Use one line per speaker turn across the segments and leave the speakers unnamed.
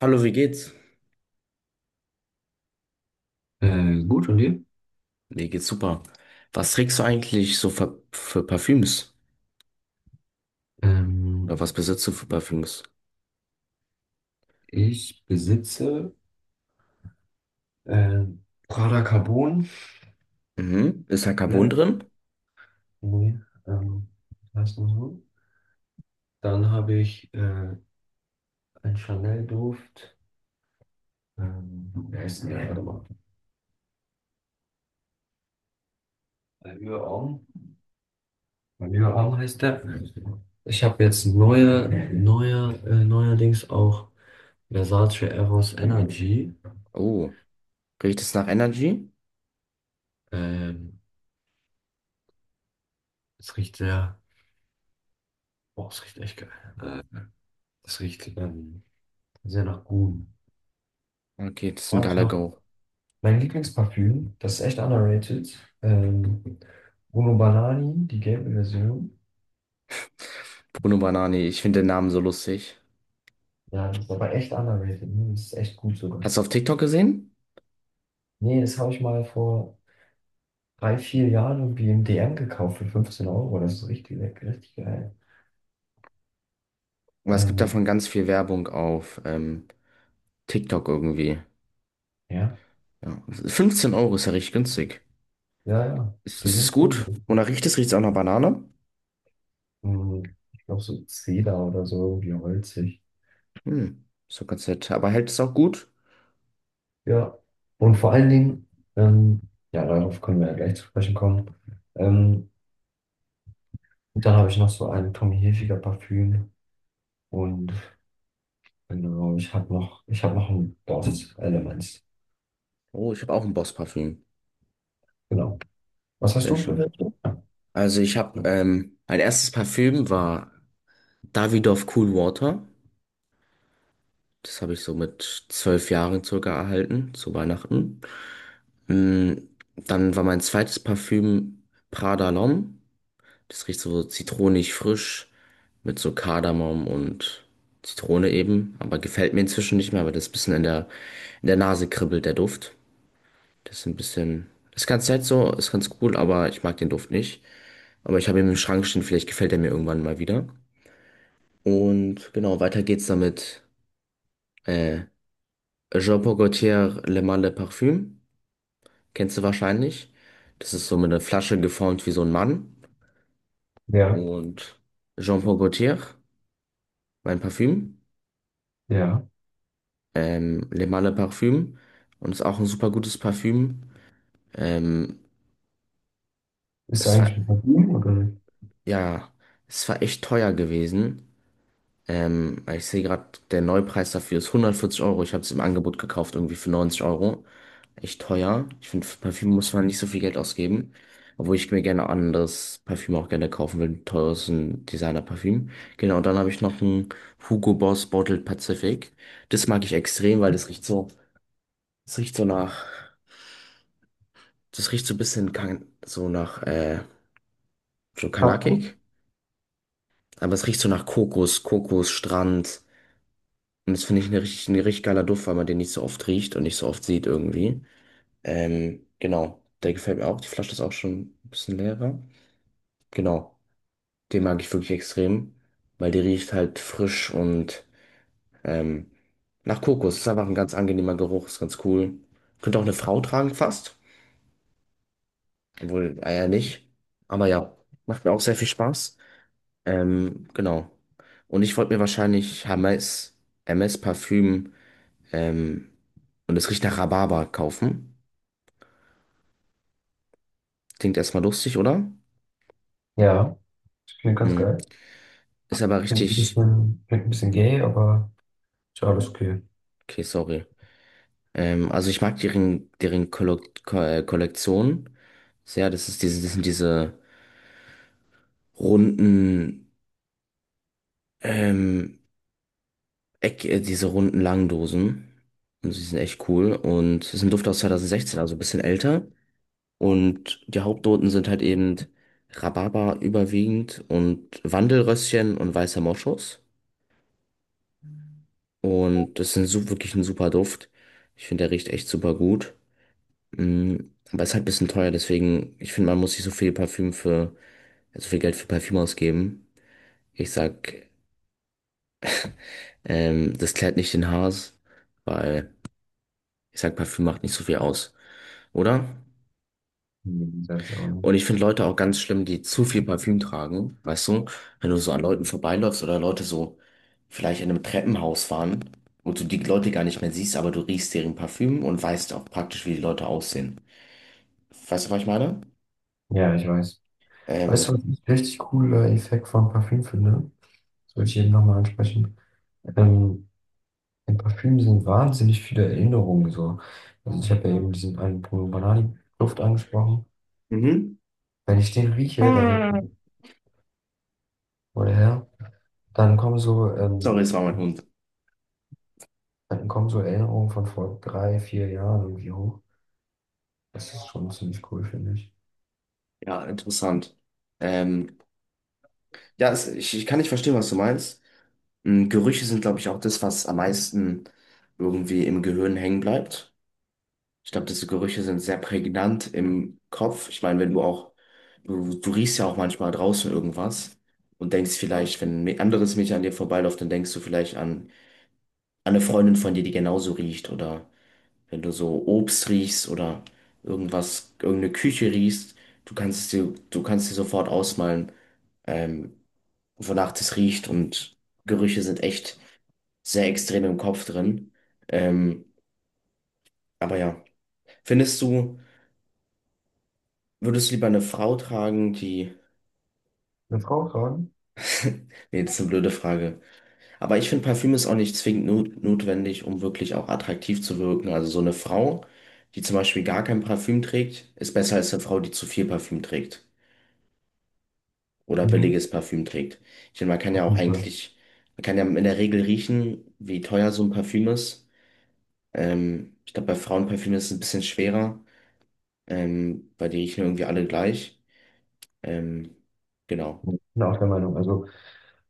Hallo, wie geht's?
Gut, und dir?
Mir geht's super. Was trägst du eigentlich so für Parfüms?
Ähm,
Oder was besitzt du für Parfüms?
Ich besitze äh, Prada Carbon
Mhm. Ist da Carbon
Black.
drin?
Nee, ähm, heißt nur so. Dann habe ich einen Chanel-Duft. Wie heißt denn der? Warte mal. Allure Homme. Allure Homme heißt der. Ich habe jetzt neuerdings auch Versace Eros Energy.
Oh. Riecht es nach Energy?
Ähm, es riecht sehr, oh, es riecht echt geil. Äh, es riecht sehr nach Gum.
Okay, das ist ein geiler
Manchmal,
Go.
mein Lieblingsparfüm, das ist echt underrated. Bruno Banani, die gelbe Version.
Bruno Banani, ich finde den Namen so lustig.
Ja, das ist aber echt underrated, ne? Das ist echt gut sogar.
Hast du auf TikTok gesehen?
Nee, das habe ich mal vor drei, vier Jahren irgendwie im DM gekauft für 15 Euro. Das ist richtig leck, richtig geil.
Weil es gibt
Ähm,
davon ganz viel Werbung auf TikTok irgendwie.
ja,
Ja. 15 Euro ist ja richtig günstig.
ja, ja.
Ist,
Die
ist es
sind cool.
gut? Und nach riecht es auch nach Banane?
Mhm. Ich glaube so Zeder oder so, irgendwie holzig.
Hm, ist doch ganz nett. Aber hält es auch gut?
Ja. Und vor allen Dingen, ähm, ja, darauf können wir ja gleich zu sprechen kommen. Ähm, und dann habe ich noch so ein Tommy Hilfiger Parfüm. Und genau, ich habe noch ein Dort-Element.
Oh, ich habe auch ein Boss-Parfüm.
Genau. Was hast
Sehr
du für
schön.
welche?
Also ich mein erstes Parfüm war Davidoff Cool Water. Das habe ich so mit 12 Jahren circa erhalten, zu Weihnachten. Mm, Dann war mein zweites Parfüm Prada L'Homme. Das riecht so zitronig frisch mit so Kardamom und Zitrone eben. Aber gefällt mir inzwischen nicht mehr, weil das bisschen in der Nase kribbelt, der Duft. Das ist ein bisschen, das ist ganz nett so, ist ganz cool, aber ich mag den Duft nicht. Aber ich habe ihn im Schrank stehen, vielleicht gefällt er mir irgendwann mal wieder. Und genau, weiter geht's damit. Äh, Jean-Paul Gaultier Le Male de Parfum. Kennst du wahrscheinlich. Das ist so mit einer Flasche geformt wie so ein Mann.
Ja,
Und Jean-Paul Gaultier, mein Parfüm.
ja.
Le Male de Parfum. Und ist auch ein super gutes Parfüm. Ähm,
Ist
es war,
eigentlich ein Parfüm oder ein...
ja, es war echt teuer gewesen. Ich sehe gerade, der Neupreis dafür ist 140 Euro. Ich habe es im Angebot gekauft, irgendwie für 90 Euro. Echt teuer. Ich finde, für Parfüm muss man nicht so viel Geld ausgeben. Obwohl ich mir gerne anderes Parfüm auch gerne kaufen will, ein Teures, ein Designer-Parfüm. Genau, und dann habe ich noch ein Hugo Boss Bottled Pacific. Das mag ich extrem, weil das riecht so nach, das riecht so ein bisschen kan so nach, so kanakig. Aber es riecht so nach Kokos, Kokos, Strand. Und das finde ich ein richtig geiler Duft, weil man den nicht so oft riecht und nicht so oft sieht irgendwie. Genau, der gefällt mir auch. Die Flasche ist auch schon ein bisschen leerer. Genau, den mag ich wirklich extrem, weil der riecht halt frisch und ähm, nach Kokos. Ist einfach ein ganz angenehmer Geruch, ist ganz cool. Könnte auch eine Frau tragen fast, obwohl Eier nicht. Aber ja, macht mir auch sehr viel Spaß. Genau. Und ich wollte mir wahrscheinlich Hermes Parfüm, ähm, und es riecht nach Rhabarber kaufen. Klingt erstmal lustig, oder?
Ja, ich finde ganz
Hm.
geil.
Ist aber richtig.
Klingt ein bisschen gay, aber ist alles okay.
Okay, sorry. Also ich mag deren Kollo Ko Kollektion sehr. Das ist das sind diese runden, ähm, diese runden Langdosen. Und sie sind echt cool. Und es ist ein Duft aus 2016, also ein bisschen älter. Und die Hauptnoten sind halt eben Rhabarber überwiegend und Wandelröschen und weißer Moschus. Und das ist wirklich ein super Duft. Ich finde, der riecht echt super gut. Mm, Aber ist halt ein bisschen teuer, deswegen, ich finde, man muss nicht so viel Parfüm für, so viel Geld für Parfüm ausgeben. Ich sag, das klärt nicht den Haars, weil ich sag, Parfüm macht nicht so viel aus, oder?
Hm, sag ich auch nicht.
Und ich finde Leute auch ganz schlimm, die zu viel Parfüm tragen, weißt du? Wenn du so an Leuten vorbeiläufst oder Leute so vielleicht in einem Treppenhaus waren und du die Leute gar nicht mehr siehst, aber du riechst deren Parfüm und weißt auch praktisch, wie die Leute aussehen. Weißt du, was ich meine?
Ja, ich weiß. Weißt du,
Ähm,
was ich richtig cooler Effekt von Parfüm finde? Das wollte ich eben nochmal ansprechen. Ähm, in Parfüm sind wahnsinnig viele Erinnerungen so. Also ich habe ja eben diesen einen Bruno Banani Duft angesprochen.
mhm.
Wenn ich den rieche, dann, oder her, dann kommen so,
Sorry,
ähm,
es war mein Hund.
dann kommen so Erinnerungen von vor drei, vier Jahren irgendwie hoch. Das ist schon ziemlich cool, finde ich.
Ja, interessant. Ähm, ja, ich kann nicht verstehen, was du meinst. Gerüche sind, glaube ich, auch das, was am meisten irgendwie im Gehirn hängen bleibt. Ich glaube, diese Gerüche sind sehr prägnant im Kopf. Ich meine, wenn du auch, du riechst ja auch manchmal draußen irgendwas und denkst vielleicht, wenn ein anderes Mädchen an dir vorbeiläuft, dann denkst du vielleicht an eine Freundin von dir, die genauso riecht oder. Wenn du so Obst riechst oder irgendwas, irgendeine Küche riechst, du kannst dir sofort ausmalen, ähm, wonach das riecht und Gerüche sind echt sehr extrem im Kopf drin. Ähm, aber ja, findest du, würdest du lieber eine Frau tragen, die...
Eine Frau tragen?
Nee, das ist eine blöde Frage. Aber ich finde, Parfüm ist auch nicht zwingend not notwendig, um wirklich auch attraktiv zu wirken. Also so eine Frau, die zum Beispiel gar kein Parfüm trägt, ist besser als eine Frau, die zu viel Parfüm trägt, oder
Mhm.
billiges Parfüm trägt. Ich meine,
Auf jeden Fall.
man kann ja in der Regel riechen, wie teuer so ein Parfüm ist. Ich glaube, bei Frauenparfüm ist es ein bisschen schwerer, weil die riechen irgendwie alle gleich. Ähm, genau.
Ich bin auch der Meinung. Also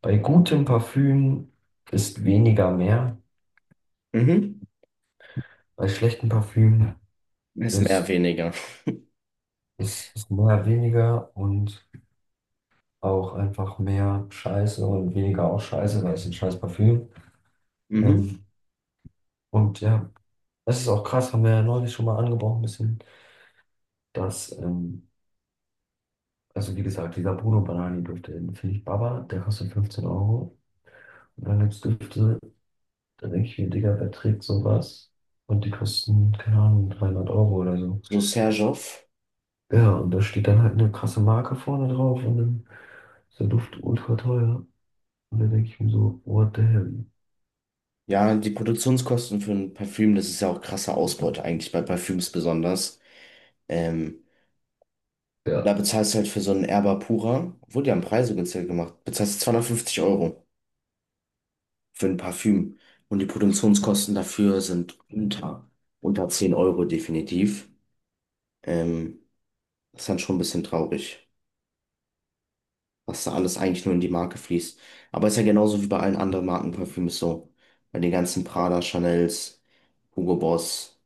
bei gutem Parfüm ist weniger mehr.
Mhm.
Bei schlechtem Parfüm
Ist mehr,
ist,
weniger.
ist mehr weniger und auch einfach mehr Scheiße und weniger auch Scheiße, weil es ein scheiß Parfüm.
Mhm.
Ähm, und ja, es ist auch krass, haben wir ja neulich schon mal angebrochen ein bisschen. dass, ähm, also wie gesagt, dieser Bruno Banani-Duft, den finde ich Baba, der kostet 15 Euro. Und dann gibt es Düfte, da denke ich mir, Digga, wer trägt sowas? Und die kosten, keine Ahnung, 300 € oder so.
So Serjoff.
Ja, und da steht dann halt eine krasse Marke vorne drauf und dann ist der Duft ultra teuer. Und da denke ich mir so, what the hell?
Ja, die Produktionskosten für ein Parfüm, das ist ja auch krasse Ausbeute eigentlich bei Parfüms besonders. Ähm, Da
Ja,
bezahlst du halt für so einen Erba Pura, obwohl die haben Preise günstiger gemacht, bezahlst du 250 Euro für ein Parfüm. Und die Produktionskosten dafür sind unter 10 Euro definitiv. Ähm, Das ist dann schon ein bisschen traurig, was da alles eigentlich nur in die Marke fließt. Aber ist ja genauso wie bei allen anderen Marken so. Bei den ganzen Prada, Chanels, Hugo Boss,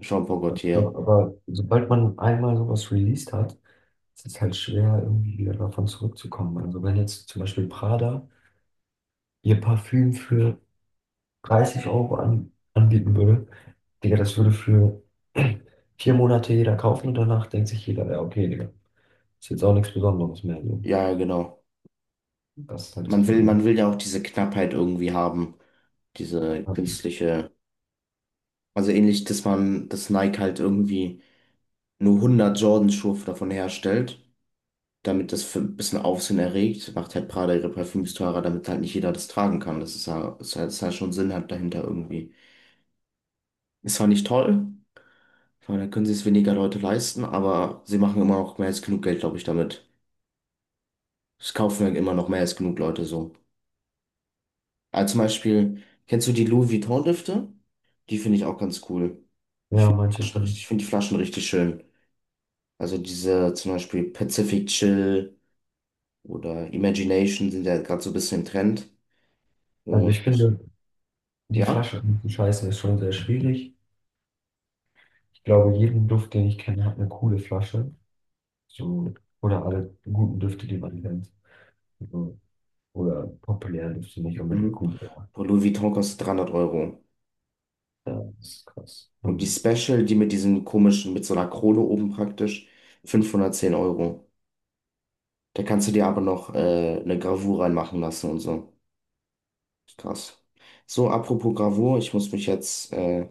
Jean Paul Gaultier.
doch, aber sobald man einmal sowas released hat, ist es halt schwer, irgendwie wieder davon zurückzukommen. Also wenn jetzt zum Beispiel Prada ihr Parfüm für 30 € anbieten würde, Digga, das würde für 4 Monate jeder kaufen und danach denkt sich jeder, ja, okay, Digga, ist jetzt auch nichts Besonderes mehr. So.
Ja, ja, genau.
Das ist halt das
Man will,
Problem.
man will ja auch diese Knappheit irgendwie haben, diese künstliche. Also ähnlich, dass man das Nike halt irgendwie nur 100 Jordan-Schuhe davon herstellt, damit das für ein bisschen Aufsehen erregt, macht halt Prada ihre Parfüms teurer, damit halt nicht jeder das tragen kann. Das ist ja, ist halt schon Sinn hat dahinter irgendwie. Ist zwar nicht toll, weil dann können sie es weniger Leute leisten, aber sie machen immer noch mehr als genug Geld, glaube ich, damit. Es kaufen ja immer noch mehr als genug Leute so. Also zum Beispiel, kennst du die Louis Vuitton-Düfte? Die finde ich auch ganz cool.
Ja, manche. Können-
Ich finde die Flaschen richtig schön. Also diese zum Beispiel Pacific Chill oder Imagination sind ja gerade so ein bisschen im Trend.
Also
Und
ich finde, die
ja.
Flasche zu scheißen ist schon sehr schwierig. Ich glaube, jeden Duft, den ich kenne, hat eine coole Flasche. So, oder alle guten Düfte, die man kennt. So, oder populäre Düfte nicht unbedingt
Mhm.
gut.
Und Louis Vuitton kostet 300 Euro.
Ja, das ist krass.
Und die Special, die mit diesen komischen, mit so einer Krone oben praktisch, 510 Euro. Da kannst du dir aber noch eine Gravur reinmachen lassen und so. Krass. So, apropos Gravur,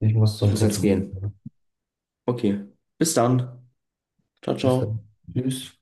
Ich muss
ich
zum
muss jetzt
Tätowieren,
gehen.
ne?
Okay, bis dann. Ciao,
Bis
ciao.
dann. Tschüss.